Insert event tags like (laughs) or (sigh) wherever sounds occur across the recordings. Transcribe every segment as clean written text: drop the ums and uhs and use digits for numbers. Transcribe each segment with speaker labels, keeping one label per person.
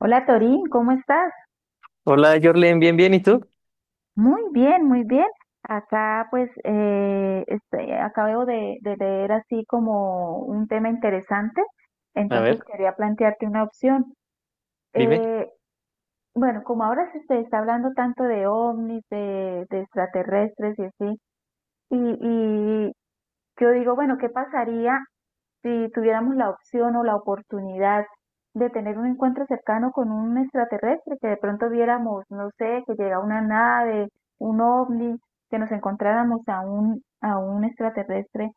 Speaker 1: Hola Torín, ¿cómo estás?
Speaker 2: Hola, Jorlen, bien, bien, ¿y tú?
Speaker 1: Muy bien, muy bien. Acá pues estoy- acabo de leer así como un tema interesante,
Speaker 2: A
Speaker 1: entonces
Speaker 2: ver,
Speaker 1: quería plantearte una opción.
Speaker 2: dime.
Speaker 1: Eh, bueno, como ahora se está hablando tanto de ovnis, de extraterrestres y así, y yo digo, bueno, ¿qué pasaría si tuviéramos la opción o la oportunidad de tener un encuentro cercano con un extraterrestre, que de pronto viéramos, no sé, que llega una nave, un ovni, que nos encontráramos a a un extraterrestre,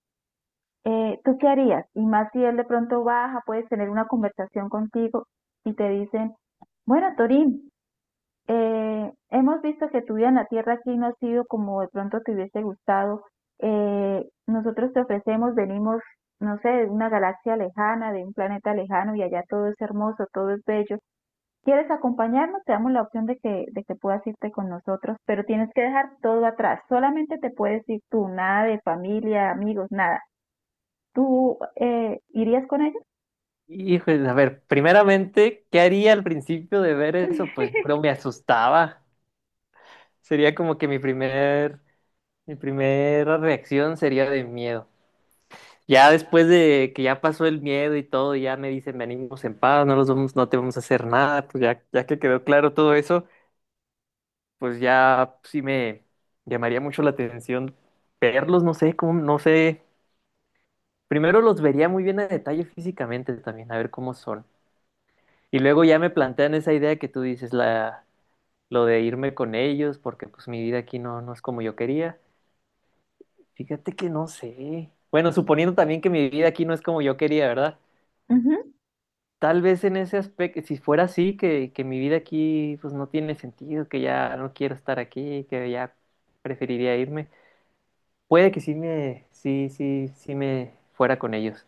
Speaker 1: ¿tú qué harías? Y más si él de pronto baja, puedes tener una conversación contigo y te dicen, bueno, Torín, hemos visto que tu vida en la tierra aquí no ha sido como de pronto te hubiese gustado. Nosotros te ofrecemos, venimos, no sé, de una galaxia lejana, de un planeta lejano y allá todo es hermoso, todo es bello. ¿Quieres acompañarnos? Te damos la opción de de que puedas irte con nosotros, pero tienes que dejar todo atrás. Solamente te puedes ir tú, nada de familia, amigos, nada. ¿Tú irías con ellos?
Speaker 2: Hijo, a ver, primeramente, ¿qué haría al principio de ver eso? Pues yo creo
Speaker 1: (laughs)
Speaker 2: me asustaba. Sería como que mi primera reacción sería de miedo. Ya después de que ya pasó el miedo y todo, ya me dicen, venimos en paz, no los vamos, no te vamos a hacer nada, pues ya, ya que quedó claro todo eso, pues ya sí me llamaría mucho la atención verlos, no sé, cómo, no sé. Primero los vería muy bien a detalle físicamente también, a ver cómo son. Y luego ya me plantean esa idea que tú dices, lo de irme con ellos, porque pues mi vida aquí no, no es como yo quería. Fíjate que no sé. Bueno, suponiendo también que mi vida aquí no es como yo quería, ¿verdad?
Speaker 1: Ujú.
Speaker 2: Tal vez en ese aspecto, si fuera así, que mi vida aquí pues no tiene sentido, que ya no quiero estar aquí, que ya preferiría irme. Puede que sí me, sí, sí, sí me fuera con ellos.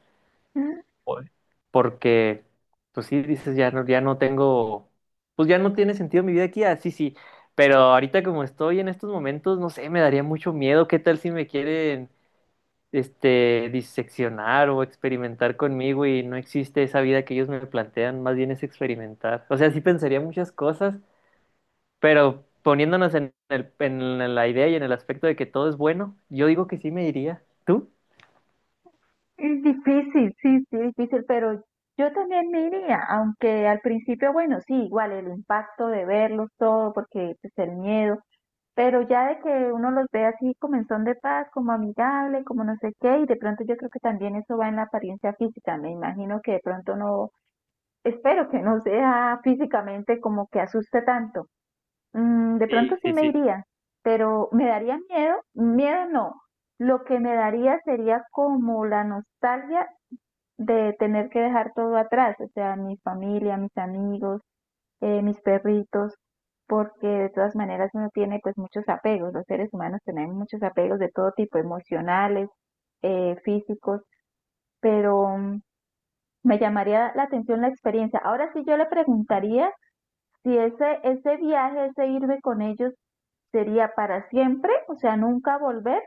Speaker 2: Joder. Porque, pues sí, dices, ya no, ya no tengo, pues ya no tiene sentido mi vida aquí, así sí, sí, pero ahorita como estoy en estos momentos, no sé, me daría mucho miedo, ¿qué tal si me quieren, diseccionar o experimentar conmigo y no existe esa vida que ellos me plantean, más bien es experimentar? O sea, sí pensaría muchas cosas, pero poniéndonos en la idea y en el aspecto de que todo es bueno, yo digo que sí me iría. ¿Tú?
Speaker 1: Es difícil, sí, sí, difícil, pero yo también me iría, aunque al principio, bueno, sí, igual el impacto de verlos todo, porque pues el miedo, pero ya de que uno los ve así como en son de paz, como amigable, como no sé qué, y de pronto yo creo que también eso va en la apariencia física, me imagino que de pronto no, espero que no sea físicamente como que asuste tanto. Mm, de pronto
Speaker 2: Sí,
Speaker 1: sí
Speaker 2: sí,
Speaker 1: me
Speaker 2: sí.
Speaker 1: iría, pero me daría miedo, miedo no, lo que me daría sería como la nostalgia de tener que dejar todo atrás, o sea, mi familia, mis amigos, mis perritos, porque de todas maneras uno tiene pues muchos apegos, los seres humanos tenemos muchos apegos de todo tipo, emocionales, físicos, pero me llamaría la atención la experiencia. Ahora sí yo le preguntaría si ese viaje, ese irme con ellos sería para siempre, o sea, nunca volver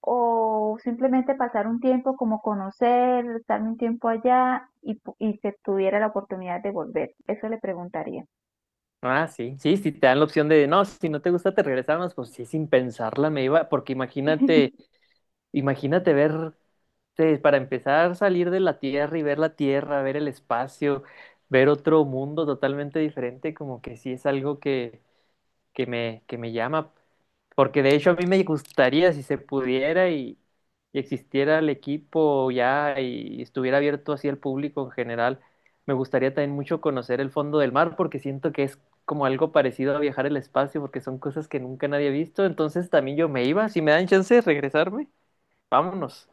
Speaker 1: o simplemente pasar un tiempo como conocer, estar un tiempo allá y, pu- y que tuviera la oportunidad de volver. Eso le preguntaría.
Speaker 2: Ah, sí, sí, si te dan la opción de, no, si no te gusta te regresamos, pues sí, sin pensarla me iba, porque imagínate,
Speaker 1: (laughs)
Speaker 2: imagínate ver, para empezar salir de la Tierra y ver la Tierra, ver el espacio, ver otro mundo totalmente diferente, como que sí es algo que me llama, porque de hecho a mí me gustaría si se pudiera y existiera el equipo ya y estuviera abierto así al público en general, me gustaría también mucho conocer el fondo del mar porque siento que es como algo parecido a viajar el espacio porque son cosas que nunca nadie ha visto, entonces también yo me iba, si me dan chance de regresarme, vámonos.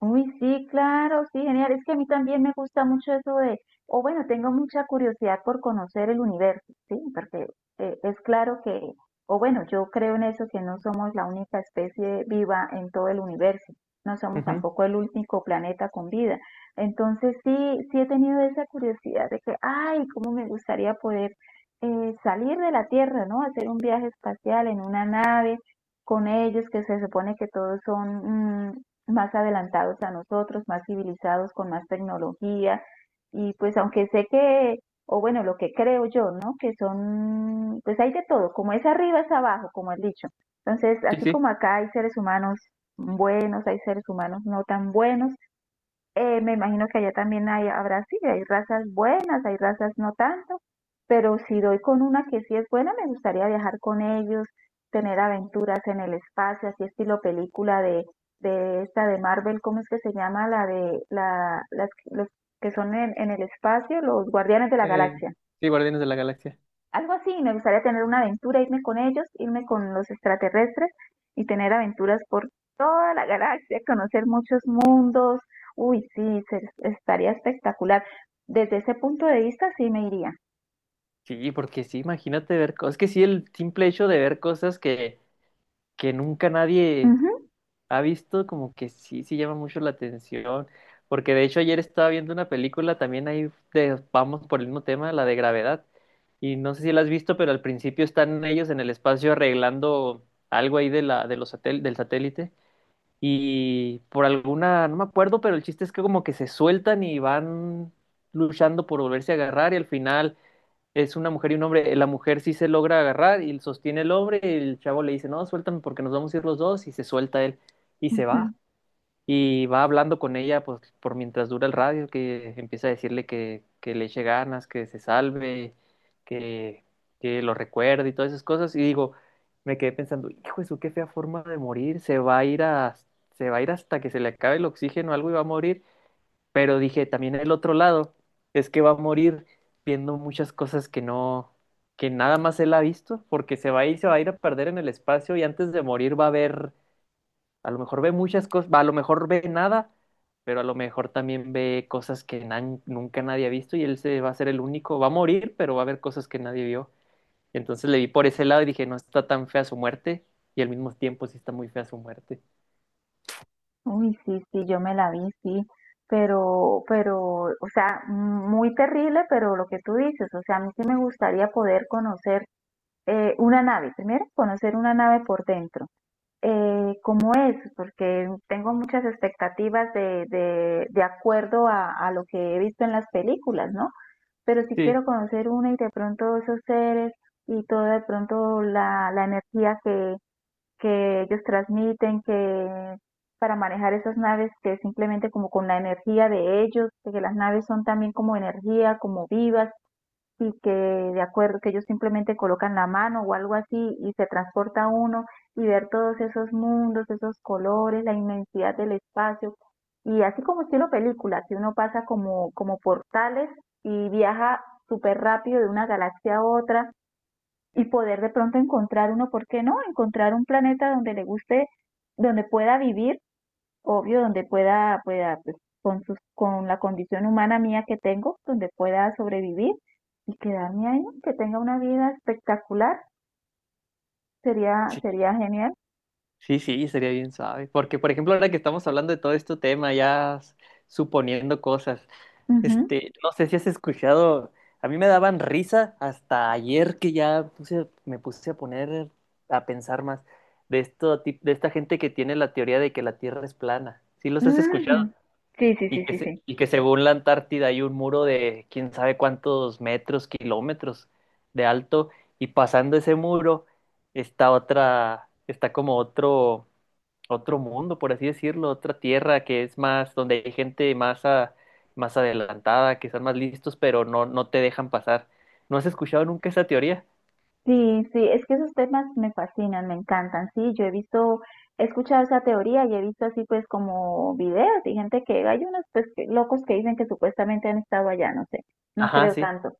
Speaker 1: Uy, sí, claro, sí, genial. Es que a mí también me gusta mucho eso de, o bueno, tengo mucha curiosidad por conocer el universo, ¿sí? Porque es claro que, o bueno, yo creo en eso, que no somos la única especie viva en todo el universo, no somos
Speaker 2: Ujú.
Speaker 1: tampoco el único planeta con vida. Entonces sí, sí he tenido esa curiosidad de que, ay, cómo me gustaría poder salir de la Tierra, ¿no? Hacer un viaje espacial en una nave con ellos, que se supone que todos son más adelantados a nosotros, más civilizados, con más tecnología. Y pues aunque sé que, o bueno, lo que creo yo, ¿no? Que son, pues hay de todo, como es arriba es abajo, como he dicho. Entonces,
Speaker 2: Sí,
Speaker 1: así
Speaker 2: sí.
Speaker 1: como acá hay seres humanos buenos, hay seres humanos no tan buenos, me imagino que allá también hay, habrá, sí, hay razas buenas, hay razas no tanto, pero si doy con una que sí es buena, me gustaría viajar con ellos, tener aventuras en el espacio, así estilo película de esta de Marvel, ¿cómo es que se llama? La de la, las, los que son en el espacio, los Guardianes de la
Speaker 2: Eh,
Speaker 1: Galaxia.
Speaker 2: sí, Guardianes de la Galaxia.
Speaker 1: Algo así, me gustaría tener una aventura, irme con ellos, irme con los extraterrestres y tener aventuras por toda la galaxia, conocer muchos mundos. Uy, sí, se- estaría espectacular. Desde ese punto de vista, sí me iría.
Speaker 2: Sí, porque sí, imagínate ver cosas, es que sí, el simple hecho de ver cosas que nunca nadie
Speaker 1: Ujú,
Speaker 2: ha visto como que sí, sí llama mucho la atención, porque de hecho ayer estaba viendo una película también ahí de, vamos por el mismo tema, la de Gravedad, y no sé si la has visto, pero al principio están ellos en el espacio arreglando algo ahí de los del satélite, y por alguna, no me acuerdo, pero el chiste es que como que se sueltan y van luchando por volverse a agarrar, y al final es una mujer y un hombre. La mujer sí se logra agarrar y sostiene el hombre. Y el chavo le dice, no, suéltame porque nos vamos a ir los dos. Y se suelta él y se
Speaker 1: ujú.
Speaker 2: va. Y va hablando con ella pues, por mientras dura el radio, que empieza a decirle que le eche ganas, que se salve, que, que lo recuerde y todas esas cosas. Y digo, me quedé pensando, hijo, eso qué fea forma de morir. Se va a ir hasta que se le acabe el oxígeno o algo y va a morir. Pero dije, también el otro lado es que va a morir viendo muchas cosas que no, que nada más él ha visto, porque se va a ir, se va a ir a perder en el espacio y antes de morir va a ver, a lo mejor ve muchas cosas, va, a lo mejor ve nada, pero a lo mejor también ve cosas que nunca nadie ha visto y él se va a ser el único, va a morir, pero va a ver cosas que nadie vio. Entonces le vi por ese lado y dije, no está tan fea su muerte y al mismo tiempo sí está muy fea su muerte.
Speaker 1: Uy, sí, sí, yo me la vi, sí. Pero, o sea, muy terrible, pero lo que tú dices, o sea, a mí sí me gustaría poder conocer una nave, primero conocer una nave por dentro cómo es, porque tengo muchas expectativas de acuerdo a lo que he visto en las películas, ¿no? Pero sí
Speaker 2: Sí.
Speaker 1: quiero conocer una y de pronto esos seres y toda de pronto la, la energía que ellos transmiten, que para manejar esas naves que es simplemente como con la energía de ellos, que las naves son también como energía, como vivas, y que de acuerdo que ellos simplemente colocan la mano o algo así y se transporta uno y ver todos esos mundos, esos colores, la inmensidad del espacio y así como estilo película, que uno pasa como como portales y viaja súper rápido de una galaxia a otra y poder de pronto encontrar uno, ¿por qué no? Encontrar un planeta donde le guste, donde pueda vivir obvio, donde pueda, pueda, pues, con sus, con la condición humana mía que tengo, donde pueda sobrevivir y quedarme ahí, que tenga una vida espectacular, sería, sería genial.
Speaker 2: Sí, sí, sería bien suave. Porque, por ejemplo, ahora que estamos hablando de todo este tema, suponiendo cosas,
Speaker 1: Ujú,
Speaker 2: este, no sé si has escuchado, a mí me daban risa hasta ayer que ya me puse a poner a pensar más de esto, de esta gente que tiene la teoría de que la Tierra es plana. ¿Sí los has escuchado?
Speaker 1: ujú. Sí, sí,
Speaker 2: Y
Speaker 1: sí, sí, sí.
Speaker 2: y que según la Antártida hay un muro de quién sabe cuántos metros, kilómetros de alto, y pasando ese muro está otra, está como otro mundo, por así decirlo, otra tierra que es más, donde hay gente más, más adelantada, que están más listos, pero no, no te dejan pasar. ¿No has escuchado nunca esa teoría?
Speaker 1: Sí, sí, es que esos temas me fascinan, me encantan, sí, yo he visto, he escuchado esa teoría y he visto así pues como videos y gente que, hay unos pues que- locos que dicen que supuestamente han estado allá, no sé, no
Speaker 2: Ajá,
Speaker 1: creo
Speaker 2: sí.
Speaker 1: tanto,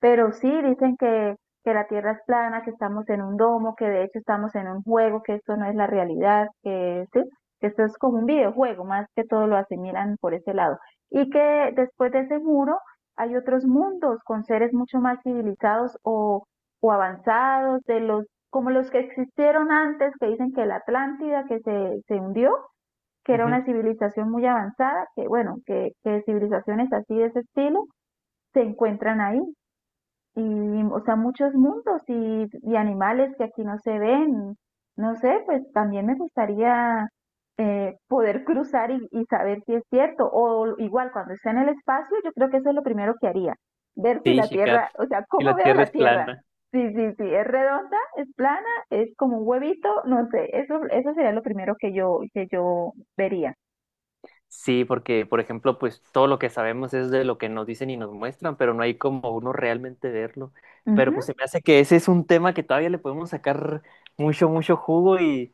Speaker 1: pero sí dicen que la Tierra es plana, que estamos en un domo, que de hecho estamos en un juego, que esto no es la realidad, que sí, que esto es como un videojuego, más que todo lo asimilan por ese lado, y que después de ese muro hay otros mundos con seres mucho más civilizados o avanzados, de los como los que existieron antes, que dicen que la Atlántida que se hundió, que era
Speaker 2: Ujú.
Speaker 1: una civilización muy avanzada, que bueno, que civilizaciones así de ese estilo se encuentran ahí, y, o sea, muchos mundos y animales que aquí no se ven. No sé, pues también me gustaría poder cruzar y saber si es cierto. O igual, cuando esté en el espacio, yo creo que eso es lo primero que haría. Ver si
Speaker 2: Sí,
Speaker 1: la
Speaker 2: checar.
Speaker 1: Tierra, o sea,
Speaker 2: Si
Speaker 1: ¿cómo
Speaker 2: la
Speaker 1: veo
Speaker 2: tierra
Speaker 1: la
Speaker 2: es
Speaker 1: Tierra?
Speaker 2: plana.
Speaker 1: Sí, sí, sí, es redonda, es plana, es como un huevito, no sé, eso sería lo primero que yo vería.
Speaker 2: Sí, porque, por ejemplo, pues todo lo que sabemos es de lo que nos dicen y nos muestran, pero no hay como uno realmente verlo. Pero pues
Speaker 1: Ujú,
Speaker 2: se me hace que ese es un tema que todavía le podemos sacar mucho, mucho jugo y.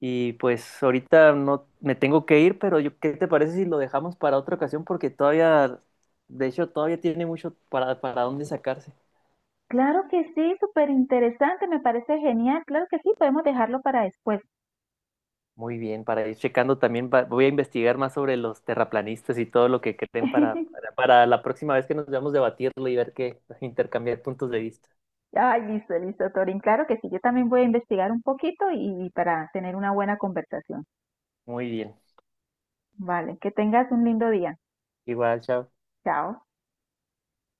Speaker 2: Y pues ahorita no me tengo que ir, pero yo, ¿qué te parece si lo dejamos para otra ocasión? Porque todavía, de hecho, todavía tiene mucho para dónde sacarse.
Speaker 1: claro que sí, súper interesante, me parece genial, claro que sí, podemos dejarlo para después.
Speaker 2: Muy bien, para ir checando también, voy a investigar más sobre los terraplanistas y todo lo que creen
Speaker 1: (laughs)
Speaker 2: para la próxima vez que nos veamos debatirlo y ver qué, intercambiar puntos de vista.
Speaker 1: Ay, listo, listo, Torín. Claro que sí, yo también voy a investigar un poquito y para tener una buena conversación.
Speaker 2: Muy bien,
Speaker 1: Vale, que tengas un lindo día.
Speaker 2: igual, chao.
Speaker 1: Chao.